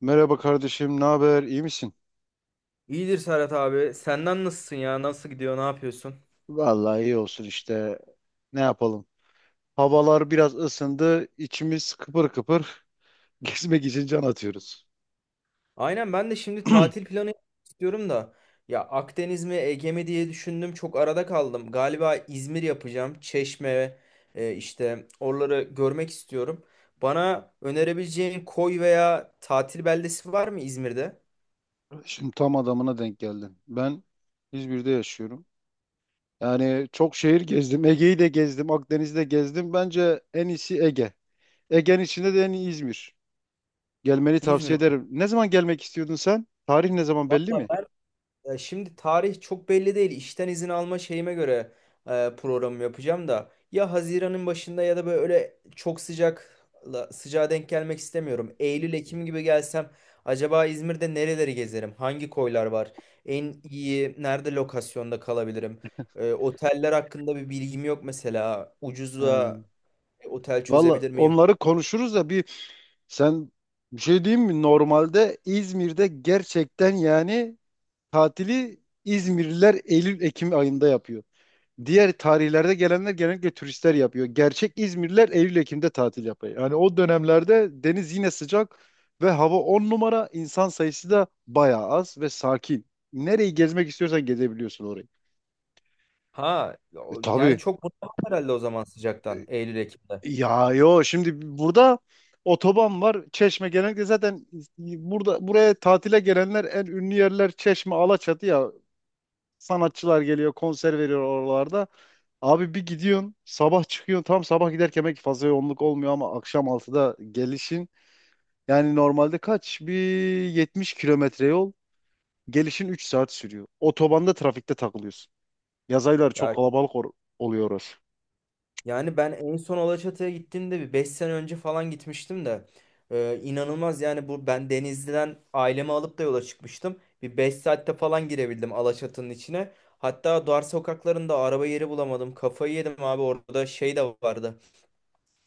Merhaba kardeşim, ne haber? İyi misin? İyidir Serhat abi. Senden nasılsın ya? Nasıl gidiyor? Ne yapıyorsun? Vallahi iyi olsun işte. Ne yapalım? Havalar biraz ısındı, içimiz kıpır kıpır. Gezmek için can atıyoruz. Aynen ben de şimdi tatil planı istiyorum da. Ya Akdeniz mi Ege mi diye düşündüm. Çok arada kaldım. Galiba İzmir yapacağım. Çeşme, işte oraları görmek istiyorum. Bana önerebileceğin koy veya tatil beldesi var mı İzmir'de? Şimdi tam adamına denk geldin. Ben İzmir'de yaşıyorum. Yani çok şehir gezdim. Ege'yi de gezdim, Akdeniz'i de gezdim. Bence en iyisi Ege. Ege'nin içinde de en iyi İzmir. Gelmeni İzmir'e. tavsiye ederim. Ne zaman gelmek istiyordun sen? Tarih ne zaman belli Valla, mi? ya şimdi tarih çok belli değil. İşten izin alma şeyime göre programı yapacağım da ya Haziran'ın başında ya da böyle çok sıcağa denk gelmek istemiyorum. Eylül, Ekim gibi gelsem acaba İzmir'de nereleri gezerim? Hangi koylar var? En iyi nerede lokasyonda kalabilirim? E, oteller hakkında bir bilgim yok mesela. Ucuza Ee, otel Valla çözebilir miyim? onları konuşuruz da Sen bir şey diyeyim mi? Normalde İzmir'de gerçekten yani tatili İzmirliler Eylül-Ekim ayında yapıyor. Diğer tarihlerde gelenler genellikle turistler yapıyor. Gerçek İzmirliler Eylül-Ekim'de tatil yapıyor. Yani o dönemlerde deniz yine sıcak ve hava 10 numara, insan sayısı da bayağı az ve sakin. Nereyi gezmek istiyorsan gezebiliyorsun orayı. Ha, yani Tabii. çok bunaldım herhalde o zaman sıcaktan Eylül, Ekim'de. Ya, yo, şimdi burada otoban var. Çeşme genellikle zaten burada buraya tatile gelenler en ünlü yerler Çeşme, Alaçatı ya. Sanatçılar geliyor, konser veriyor oralarda. Abi bir gidiyorsun, sabah çıkıyorsun. Tam sabah giderken belki fazla yoğunluk olmuyor ama akşam 6'da gelişin. Yani normalde kaç? Bir 70 kilometre yol. Gelişin 3 saat sürüyor. Otobanda trafikte takılıyorsun. Yaz ayları Ya, çok kalabalık oluyor orası. yani ben en son Alaçatı'ya gittiğimde bir 5 sene önce falan gitmiştim de, inanılmaz yani bu ben Denizli'den ailemi alıp da yola çıkmıştım. Bir 5 saatte falan girebildim Alaçatı'nın içine. Hatta dar sokaklarında araba yeri bulamadım. Kafayı yedim abi, orada şey de vardı,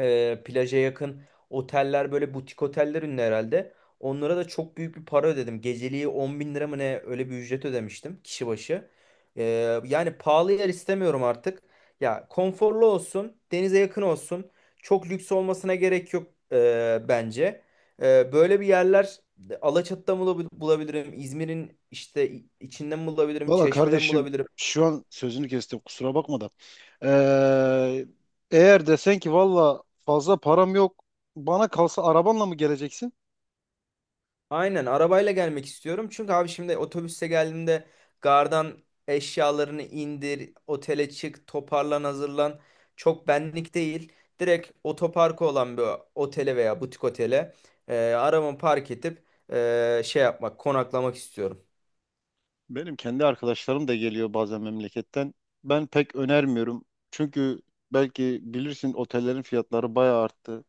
plaja yakın oteller böyle butik oteller ünlü herhalde. Onlara da çok büyük bir para ödedim. Geceliği 10 bin lira mı ne, öyle bir ücret ödemiştim kişi başı. E, yani pahalı yer istemiyorum artık. Ya konforlu olsun, denize yakın olsun. Çok lüks olmasına gerek yok, bence. E, böyle bir yerler Alaçatı'da mı bulabilirim? İzmir'in işte içinde mi bulabilirim? Valla Çeşme'de mi kardeşim bulabilirim? şu an sözünü kestim kusura bakma da. Ee, Eğer desen ki valla fazla param yok, bana kalsa arabanla mı geleceksin? Aynen arabayla gelmek istiyorum. Çünkü abi şimdi otobüste geldiğimde gardan eşyalarını indir, otele çık, toparlan, hazırlan. Çok benlik değil. Direkt otoparkı olan bir otele veya butik otele arabamı park edip, şey yapmak, konaklamak istiyorum. Benim kendi arkadaşlarım da geliyor bazen memleketten. Ben pek önermiyorum. Çünkü belki bilirsin otellerin fiyatları bayağı arttı.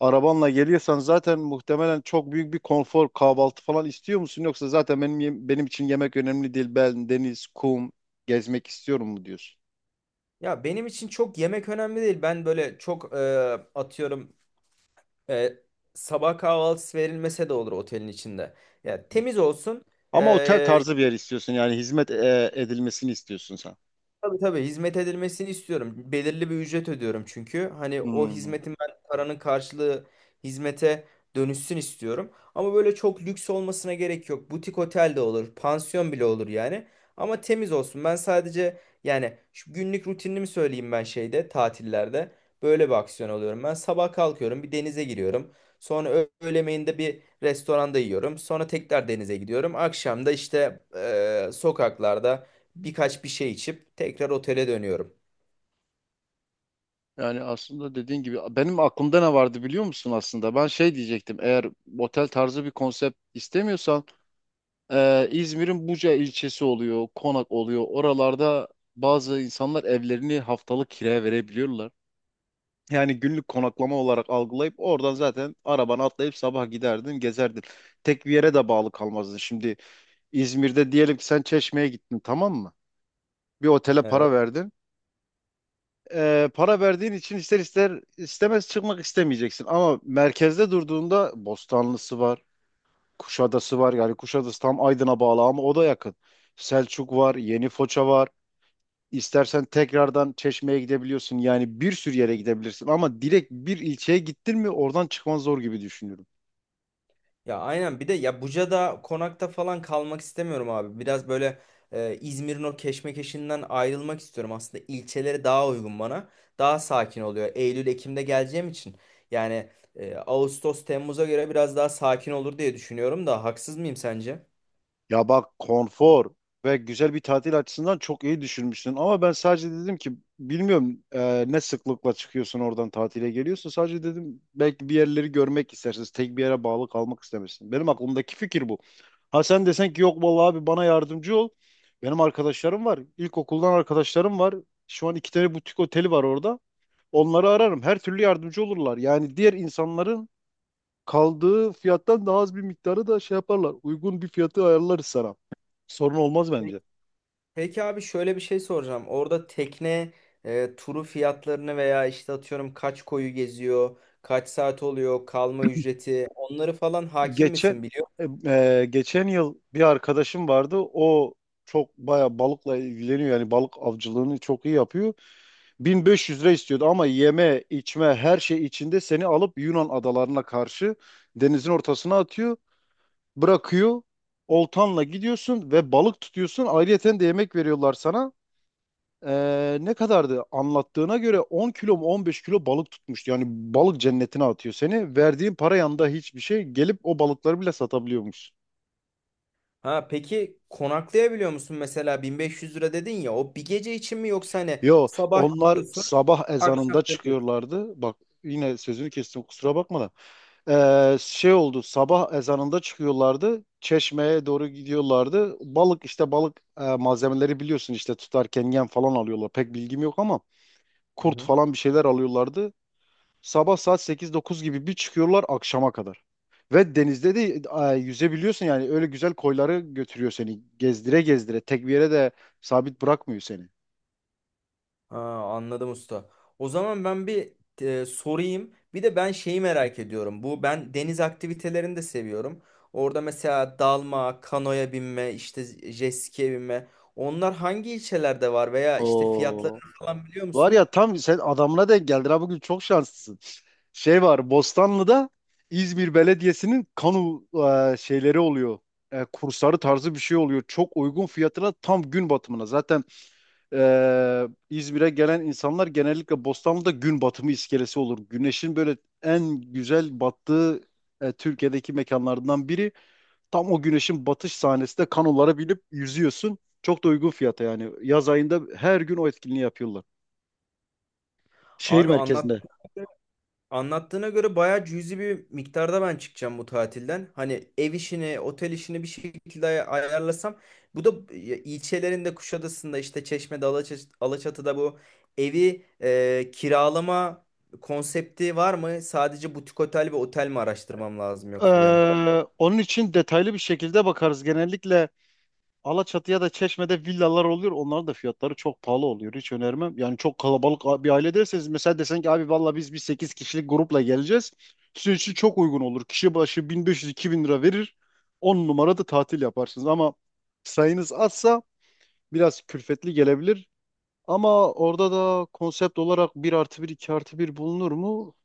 Arabanla geliyorsan zaten muhtemelen çok büyük bir konfor, kahvaltı falan istiyor musun? Yoksa zaten benim benim için yemek önemli değil. Ben deniz, kum, gezmek istiyorum mu diyorsun? Ya benim için çok yemek önemli değil. Ben böyle çok, atıyorum, e, sabah kahvaltısı verilmese de olur otelin içinde. Ya temiz olsun. Ama otel e, tarzı bir yer istiyorsun, yani hizmet edilmesini istiyorsun sen. Tabii tabii hizmet edilmesini istiyorum. Belirli bir ücret ödüyorum çünkü. Hani o Hmm. hizmetin ben paranın karşılığı hizmete dönüşsün istiyorum. Ama böyle çok lüks olmasına gerek yok. Butik otel de olur, pansiyon bile olur yani. Ama temiz olsun. Ben sadece yani şu günlük rutinimi söyleyeyim ben şeyde tatillerde. Böyle bir aksiyon alıyorum. Ben sabah kalkıyorum, bir denize giriyorum. Sonra öğle yemeğinde bir restoranda yiyorum. Sonra tekrar denize gidiyorum. Akşam da işte sokaklarda birkaç bir şey içip tekrar otele dönüyorum. Yani aslında dediğin gibi benim aklımda ne vardı biliyor musun aslında? Ben şey diyecektim, eğer otel tarzı bir konsept istemiyorsan İzmir'in Buca ilçesi oluyor, Konak oluyor. Oralarda bazı insanlar evlerini haftalık kiraya verebiliyorlar. Yani günlük konaklama olarak algılayıp oradan zaten arabana atlayıp sabah giderdin, gezerdin. Tek bir yere de bağlı kalmazdın. Şimdi İzmir'de diyelim ki sen Çeşme'ye gittin, tamam mı? Bir otele Evet. para verdin. Para verdiğin için ister istemez çıkmak istemeyeceksin. Ama merkezde durduğunda Bostanlısı var, Kuşadası var. Yani Kuşadası tam Aydın'a bağlı ama o da yakın. Selçuk var, Yeni Foça var. İstersen tekrardan Çeşme'ye gidebiliyorsun. Yani bir sürü yere gidebilirsin. Ama direkt bir ilçeye gittin mi oradan çıkman zor gibi düşünüyorum. Ya aynen bir de ya Buca'da konakta falan kalmak istemiyorum abi. Biraz böyle İzmir'in o keşmekeşinden ayrılmak istiyorum. Aslında ilçeleri daha uygun bana. Daha sakin oluyor. Eylül, Ekim'de geleceğim için. Yani, Ağustos, Temmuz'a göre biraz daha sakin olur diye düşünüyorum da haksız mıyım sence? Ya bak, konfor ve güzel bir tatil açısından çok iyi düşünmüşsün. Ama ben sadece dedim ki bilmiyorum, ne sıklıkla çıkıyorsun oradan tatile geliyorsun. Sadece dedim belki bir yerleri görmek istersiniz. Tek bir yere bağlı kalmak istemezsin. Benim aklımdaki fikir bu. Ha sen desen ki yok vallahi abi bana yardımcı ol. Benim arkadaşlarım var. İlkokuldan arkadaşlarım var. Şu an iki tane butik oteli var orada. Onları ararım. Her türlü yardımcı olurlar. Yani diğer insanların kaldığı fiyattan daha az bir miktarı da şey yaparlar. Uygun bir fiyatı ayarlarız sana. Sorun olmaz bence. Peki abi şöyle bir şey soracağım. Orada tekne turu fiyatlarını veya işte atıyorum kaç koyu geziyor, kaç saat oluyor, kalma ücreti onları falan hakim misin Geçen biliyor musun? geçen yıl bir arkadaşım vardı. O çok baya balıkla ilgileniyor. Yani balık avcılığını çok iyi yapıyor. 1500 lira istiyordu ama yeme, içme her şey içinde seni alıp Yunan adalarına karşı denizin ortasına atıyor, bırakıyor. Oltanla gidiyorsun ve balık tutuyorsun. Ayrıyeten de yemek veriyorlar sana. Ne kadardı? Anlattığına göre 10 kilo mu 15 kilo balık tutmuş. Yani balık cennetine atıyor seni. Verdiğin para yanında hiçbir şey, gelip o balıkları bile satabiliyormuş. Ha peki konaklayabiliyor musun mesela 1500 lira dedin ya, o bir gece için mi yoksa hani Yo, sabah onlar çıkıyorsun, sabah akşam ezanında dönüyorsun? çıkıyorlardı. Bak, yine sözünü kestim kusura bakma da. Şey oldu, sabah ezanında çıkıyorlardı. Çeşmeye doğru gidiyorlardı. Balık işte balık malzemeleri biliyorsun işte, tutarken yem falan alıyorlar. Pek bilgim yok ama Hı kurt hı. falan bir şeyler alıyorlardı. Sabah saat sekiz dokuz gibi bir çıkıyorlar, akşama kadar. Ve denizde de yüzebiliyorsun yani, öyle güzel koyları götürüyor seni. Gezdire gezdire tek bir yere de sabit bırakmıyor seni. Ha, anladım usta. O zaman ben bir sorayım. Bir de ben şeyi merak ediyorum. Bu ben deniz aktivitelerini de seviyorum. Orada mesela dalma, kanoya binme, işte jet ski'ye binme. Onlar hangi ilçelerde var veya işte Oo. fiyatlarını falan biliyor Var musun? ya, tam sen adamına denk geldin, ha bugün çok şanslısın. Şey var, Bostanlı'da İzmir Belediyesi'nin şeyleri oluyor. Kursları tarzı bir şey oluyor. Çok uygun fiyatına, tam gün batımına. Zaten İzmir'e gelen insanlar genellikle Bostanlı'da gün batımı iskelesi olur. Güneşin böyle en güzel battığı Türkiye'deki mekanlardan biri. Tam o güneşin batış sahnesinde kanolara binip yüzüyorsun. Çok da uygun fiyata yani. Yaz ayında her gün o etkinliği yapıyorlar. Şehir Abi anlat. merkezinde. Anlattığına göre bayağı cüzi bir miktarda ben çıkacağım bu tatilden. Hani ev işini, otel işini bir şekilde ayarlasam. Bu da ilçelerinde Kuşadası'nda işte Çeşme'de, Alaçatı'da bu evi kiralama konsepti var mı? Sadece butik otel ve otel mi araştırmam lazım yoksa benim? Ee, Onun için detaylı bir şekilde bakarız. Genellikle Alaçatı'ya da Çeşme'de villalar oluyor. Onların da fiyatları çok pahalı oluyor. Hiç önermem. Yani çok kalabalık bir aile derseniz, mesela desen ki abi valla biz bir 8 kişilik grupla geleceğiz. Sizin için çok uygun olur. Kişi başı 1500-2000 lira verir. 10 numarada tatil yaparsınız. Ama sayınız azsa biraz külfetli gelebilir. Ama orada da konsept olarak bir artı bir, 2 artı bir bulunur mu?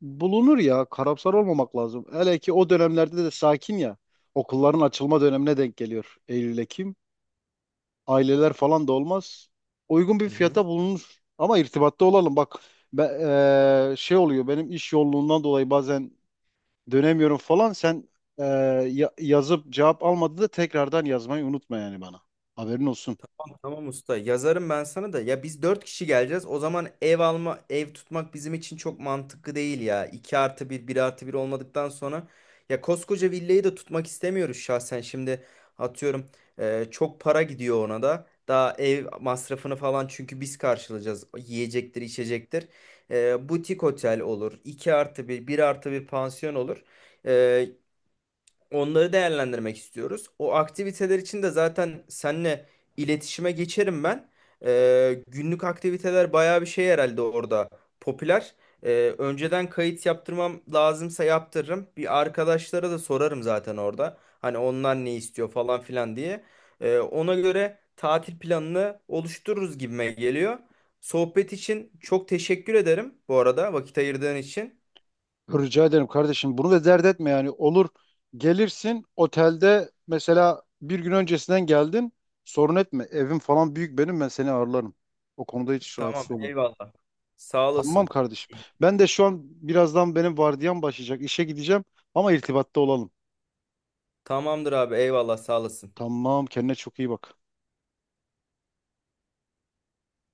Bulunur ya. Karamsar olmamak lazım. Hele ki o dönemlerde de sakin ya. Okulların açılma dönemine denk geliyor. Eylül, Ekim aileler falan da olmaz. Uygun bir Hı hı. fiyata bulunur. Ama irtibatta olalım. Bak ben, şey oluyor, benim iş yoğunluğundan dolayı bazen dönemiyorum falan. Sen eee, yazıp cevap almadığında tekrardan yazmayı unutma yani bana. Haberin olsun. Tamam tamam usta. Yazarım ben sana da. Ya biz dört kişi geleceğiz. O zaman ev alma, ev tutmak bizim için çok mantıklı değil ya. 2 artı bir, bir artı bir olmadıktan sonra. Ya koskoca villayı da tutmak istemiyoruz şahsen. Şimdi atıyorum, çok para gidiyor ona da. Daha ev masrafını falan çünkü biz karşılayacağız. Yiyecektir, içecektir. E, butik otel olur. 2 artı bir, bir artı bir pansiyon olur. E, onları değerlendirmek istiyoruz. O aktiviteler için de zaten seninle iletişime geçerim ben. Günlük aktiviteler bayağı bir şey herhalde orada popüler. Önceden kayıt yaptırmam lazımsa yaptırırım. Bir arkadaşlara da sorarım zaten orada. Hani onlar ne istiyor falan filan diye. Ona göre tatil planını oluştururuz gibime geliyor. Sohbet için çok teşekkür ederim bu arada vakit ayırdığın için. Rica ederim kardeşim. Bunu da dert etme yani. Olur gelirsin, otelde mesela bir gün öncesinden geldin. Sorun etme. Evim falan büyük benim, ben seni ağırlarım. O konuda hiç Tamam, rahatsız olma. eyvallah. Sağ Tamam olasın. kardeşim. Ben de şu an birazdan benim vardiyam başlayacak. İşe gideceğim ama irtibatta olalım. Tamamdır abi eyvallah sağ olasın. Tamam, kendine çok iyi bak.